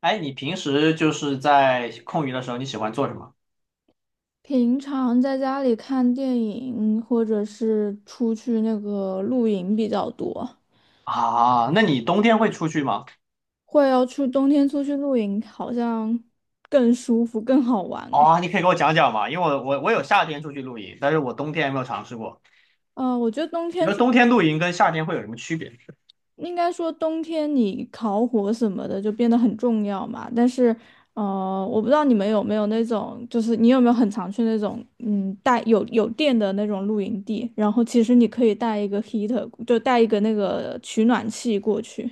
哎，你平时就是在空余的时候，你喜欢做什么？平常在家里看电影，或者是出去那个露营比较多。啊？那你冬天会出去吗？会要去冬天出去露营，好像更舒服、更好玩哎。哦，你可以给我讲讲吗？因为我有夏天出去露营，但是我冬天也没有尝试过。我觉得冬你天说出，冬天露营跟夏天会有什么区别？应该说冬天你烤火什么的就变得很重要嘛。但是，我不知道你们有没有那种，就是你有没有很常去那种，带有电的那种露营地，然后其实你可以带一个 heater，就带一个那个取暖器过去。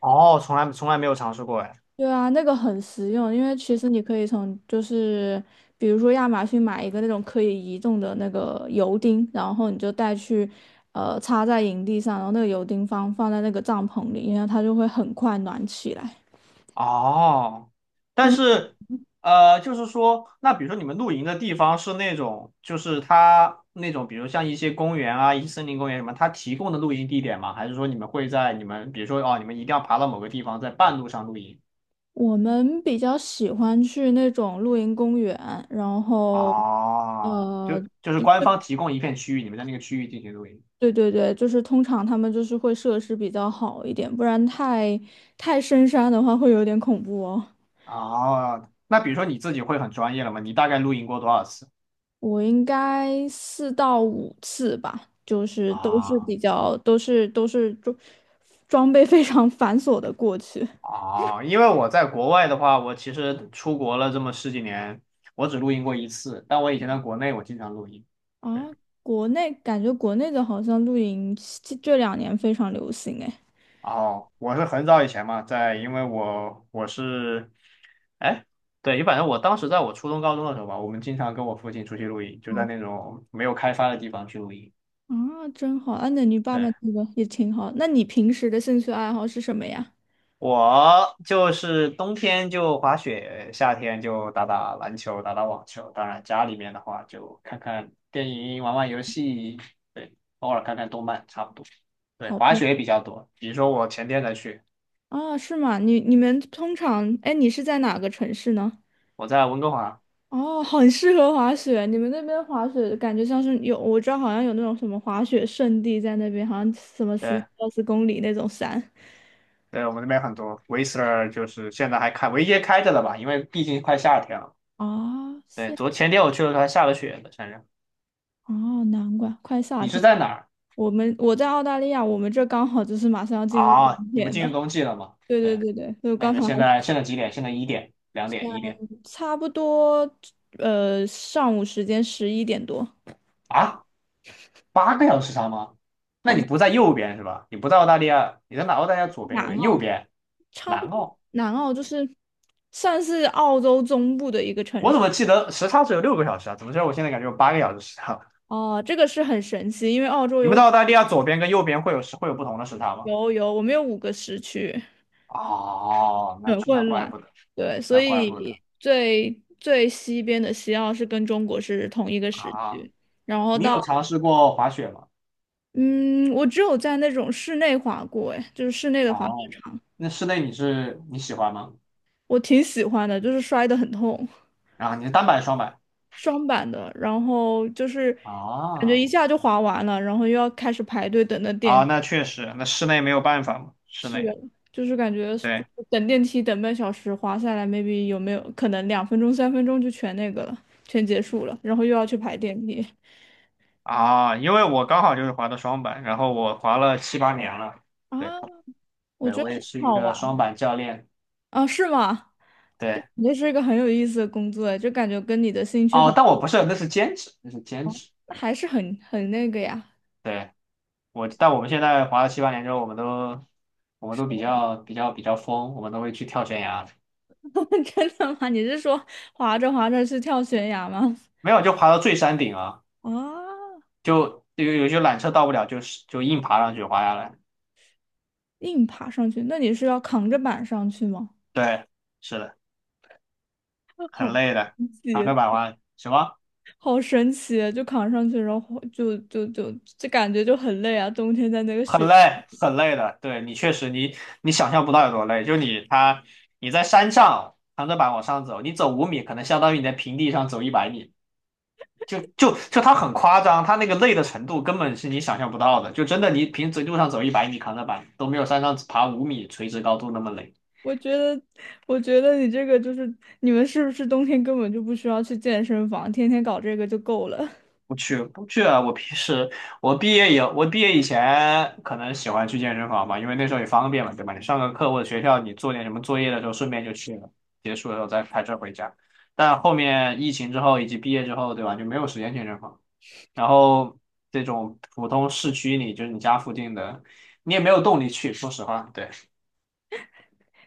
哦，从来没有尝试过哎。对啊，那个很实用，因为其实你可以从就是比如说亚马逊买一个那种可以移动的那个油钉，然后你就带去插在营地上，然后那个油钉放在那个帐篷里，因为它就会很快暖起来。哦，但很，是就是说，那比如说你们露营的地方是那种，就是它那种，比如像一些公园啊、一些森林公园什么，它提供的露营地点吗？还是说你们会在你们，比如说哦，你们一定要爬到某个地方，在半路上露营？我们比较喜欢去那种露营公园，然后啊，就呃，就是官方提供一片区域，你们在那个区域进行录音。对对对，就是通常他们就是会设施比较好一点，不然太深山的话会有点恐怖哦。啊，那比如说你自己会很专业了吗？你大概录音过多少次？我应该4到5次吧，就是都是啊。比较都是装备非常繁琐的过去因为我在国外的话，我其实出国了这么十几年，我只录音过一次，但我以前在国内我经常录音。啊。对。国内感觉国内的好像露营这两年非常流行哎。哦，我是很早以前嘛，在因为我是，哎，对，反正我当时在我初中高中的时候吧，我们经常跟我父亲出去录音，就在哦，那种没有开发的地方去录音。啊，真好！啊，那你爸爸对，那个也挺好。那你平时的兴趣爱好是什么呀？我就是冬天就滑雪，夏天就打打篮球、打打网球。当然，家里面的话就看看电影、玩玩游戏，对，偶尔看看动漫，差不多。对，好滑的。雪比较多。比如说我前天才去，啊，是吗？你们通常，哎，你是在哪个城市呢？我在温哥华。哦，很适合滑雪。你们那边滑雪感觉像是有，我知道好像有那种什么滑雪圣地在那边，好像什么十对，几二十公里那种山。对，我们那边很多 Whistler，就是现在还开，唯一开着了吧，因为毕竟快夏天了。啊。对，是昨前天我去的时候还下了雪的，反正。哦，难怪快夏你是天了。在哪儿？我在澳大利亚，我们这刚好就是马上要进入冬啊？你们天进入了。冬季了吗？对对对，对对，就那你刚才们现还在现在几点？现在一点、两点、一点。差不多，上午时间11点多。啊？八个小时差吗？好那像你在不在右边是吧？你不在澳大利亚，你在哪？澳大利亚左边、右南边、右澳，边，差南不多。澳。南澳就是算是澳洲中部的一个城我怎市。么记得时差只有6个小时啊？怎么知道我现在感觉有八个小时时差？哦，这个是很神奇，因为澳洲你有们五在澳大利亚左边跟右边会有时会有不同的时差吗？有有，我们有五个时区，哦，那很去那混怪乱。不得，对，所那怪不得以最最西边的西澳是跟中国是同一个时啊！区，然后你到有尝试过滑雪吗？嗯，我只有在那种室内滑过，哎，就是室内的滑雪哦，场。那室内你是你喜欢吗？我挺喜欢的，就是摔得很痛。啊，你是单板双板？双板的，然后就是感觉啊。一下就滑完了，然后又要开始排队等那啊，点那确实，那室内没有办法嘛，室是，内就是感觉就对。等电梯等半小时，滑下来，maybe 有没有可能2分钟、3分钟就全结束了，然后又要去排电梯啊，因为我刚好就是滑的双板，然后我滑了七八年了。对，啊？我对，觉得我也是很一好个玩双板教练。啊，是吗？这对，肯定是一个很有意思的工作哎，就感觉跟你的兴趣哦，很，但我不是，那是兼职，那是兼职。还是很那个呀。对，我，但我们现在滑了七八年之后，我们都，我们是都比吗？ 较比较比较疯，我们都会去跳悬崖，真的吗？你是说滑着滑着去跳悬崖吗？没有就爬到最山顶啊，啊，就有有些缆车到不了，就是就硬爬上去滑下来。硬爬上去？那你是要扛着板上去吗？对，是的，好很累的，神长奇！着板滑什么？好神奇，就扛上去，然后就感觉就很累啊，冬天在那个很雪。累，很累的。对你确实你，你想象不到有多累。就你他，你在山上扛着板往上走，你走五米，可能相当于你在平地上走一百米。就就就它很夸张，它那个累的程度根本是你想象不到的。就真的你平时路上走一百米扛着板都没有山上爬五米垂直高度那么累。我觉得，我觉得你这个就是你们是不是冬天根本就不需要去健身房，天天搞这个就够了。不去不去啊！我平时我毕业以前可能喜欢去健身房吧，因为那时候也方便嘛，对吧？你上个课或者学校你做点什么作业的时候，顺便就去了，结束了之后再开车回家。但后面疫情之后以及毕业之后，对吧？就没有时间健身房，然后这种普通市区里，就是你家附近的，你也没有动力去。说实话，对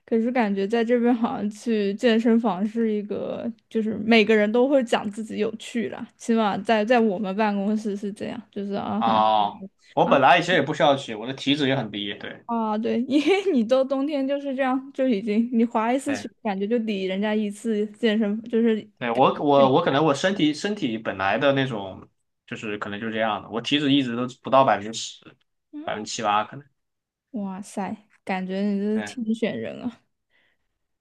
可是感觉在这边好像去健身房是一个，就是每个人都会讲自己有趣啦，起码在我们办公室是这样，就是啊很啊，我啊本来以前也不需要去，我的体脂也很低，对。啊对，因为你到冬天就是这样，就已经你滑一次对。雪，感觉就抵人家一次健身，就是。对，我可能我身体本来的那种就是可能就这样的，我体脂一直都不到10%，百分之七八可能。哇塞，感觉你这是对天选人啊，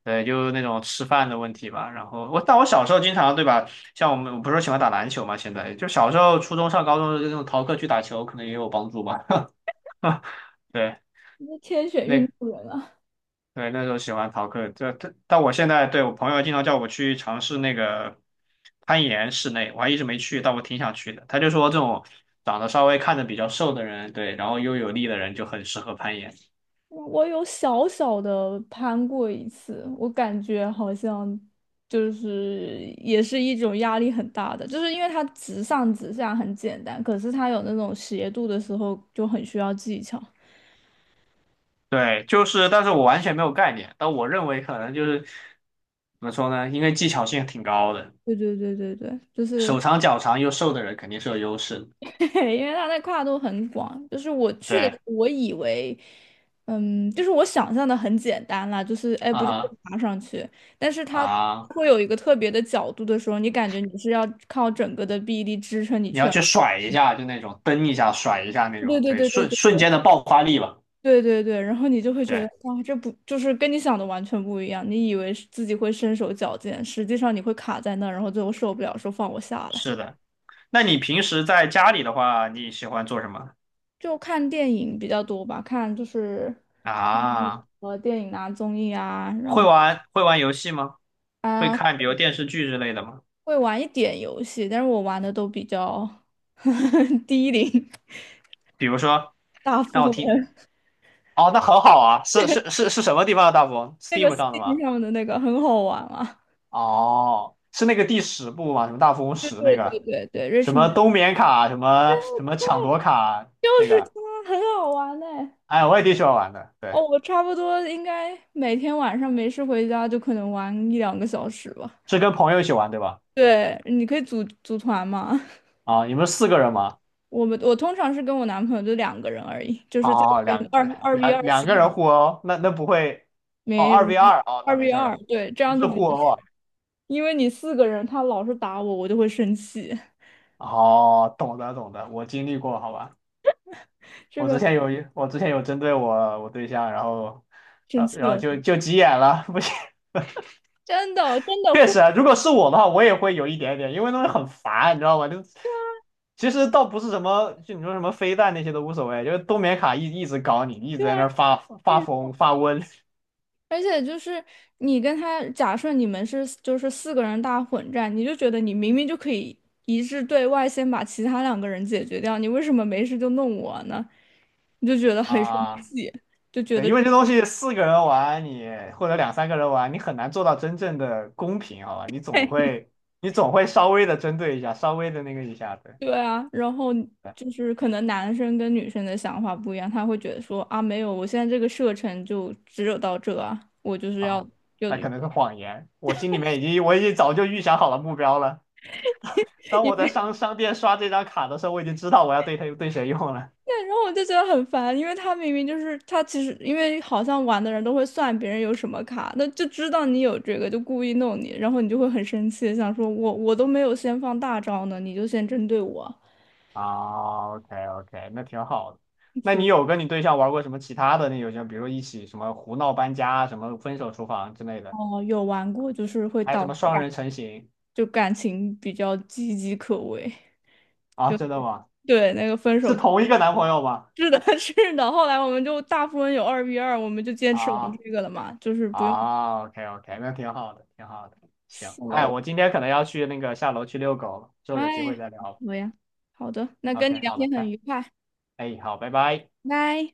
对，就那种吃饭的问题吧。然后我但我小时候经常对吧，像我们我不是喜欢打篮球嘛，现在就小时候初中上高中的时候那种逃课去打球，可能也有帮助吧。对，你是天选运那动员啊！对，那时候喜欢逃课，但我现在对我朋友经常叫我去尝试那个攀岩室内，我还一直没去，但我挺想去的。他就说这种长得稍微看着比较瘦的人，对，然后又有力的人就很适合攀岩。我有小小的攀过一次，我感觉好像就是也是一种压力很大的，就是因为它直上直下很简单，可是它有那种斜度的时候就很需要技巧。对，就是，但是我完全没有概念，但我认为可能就是怎么说呢？因为技巧性挺高的，对对对对对，就是。 手长脚长又瘦的人肯定是有优势的。对，因为它的跨度很广，就是我去的时对，候，我以为，就是我想象的很简单啦，就是哎，啊不就是哈。爬上去，但是它啊，会有一个特别的角度的时候，你感觉你是要靠整个的臂力支撑你你去，要去甩一下，就那种蹬一下甩一下那对种，对对，对对瞬瞬对间的爆发力吧。对对对对，然后你就会觉得对。哇，这不就是跟你想的完全不一样，你以为是自己会身手矫健，实际上你会卡在那儿，然后最后受不了，说放我下来。是的，那你平时在家里的话，你喜欢做什么？就看电影比较多吧，看就是啊？电影啊、综艺啊，然会后玩会玩游戏吗？会啊、看比如电视剧之类的吗？会玩一点游戏，但是我玩的都比较 低龄。比如说，大富让我听。翁，哦，那很好啊，是是是是什么地方的大富翁那个 ？Steam 上的 Steam 吗？上面的那个很好玩啊。哦，是那个第10部吗？什么大富翁对十那对对个，对对什么，Richmond 冬眠卡，什么什么抢夺卡就那是个，它，很好玩哎、哎，我也挺喜欢玩的。哦，对，我差不多应该每天晚上没事回家就可能玩一两个小时吧。是跟朋友一起玩对吧？对，你可以组团嘛。啊，你们四个人吗？我通常是跟我男朋友就两个人而已，就是在哦，两二 v 两二两个情况，人互殴，那那不会哦，没二 v 二哦，那二 没 v 事儿了，二，对，这不样就是比互较，殴啊。因为你四个人，他老是打我，我就会生气，哦，懂得懂得，我经历过，好吧。这个我之前有针对我对象，然后，生然后气然后了，就急眼了，不行。真的真的确会，实啊如果是我的话，我也会有一点点，因为那东西很烦，你知道吗？就其实倒不是什么，就你说什么飞弹那些都无所谓，就是冬眠卡一直搞你，一直对在啊，那儿发就发是疯发瘟。 而且就是你跟他，假设你们是就是四个人大混战，你就觉得你明明就可以一致对外，先把其他两个人解决掉，你为什么没事就弄我呢？你就觉得 很生啊。气，就觉对，得。因为这东西四个人玩你，或者两三个人玩，你很难做到真正的公平，好吧？你总会，你总会稍微的针对一下，稍微的那个一下对对啊，然后对，就是可能男生跟女生的想法不一样，他会觉得说啊，没有，我现在这个射程就只有到这啊，我就是要啊、就，那对，可能是谎言。我心里面已经，我已经早就预想好了目标了。当我在商店刷这张卡的时候，我已经知道我要对他对谁用了。然后我就觉得很烦，因为他明明就是他其实因为好像玩的人都会算别人有什么卡，那就知道你有这个，就故意弄你，然后你就会很生气，想说我都没有先放大招呢，你就先针对我。啊，OK OK，那挺好的。那你有跟你对象玩过什么其他的那游戏吗？比如一起什么胡闹搬家啊、什么分手厨房之类的，哦，有玩过，就是会还有导什致么双人成行。感情比较岌岌可危，啊？就真的吗？对那个分是手。同一个男朋友吗？是的，是的。后来我们就大富翁有二 v 二，我们就坚持玩啊。这个了嘛，就是不用啊，OK OK，那挺好的，挺好的。行，哎，扫。我今天可能要去那个下楼去遛狗了，之后有哎机呀，会再聊。好呀，好的，那跟你 OK，聊好了，天很拜，愉快，哎，好，拜拜。拜。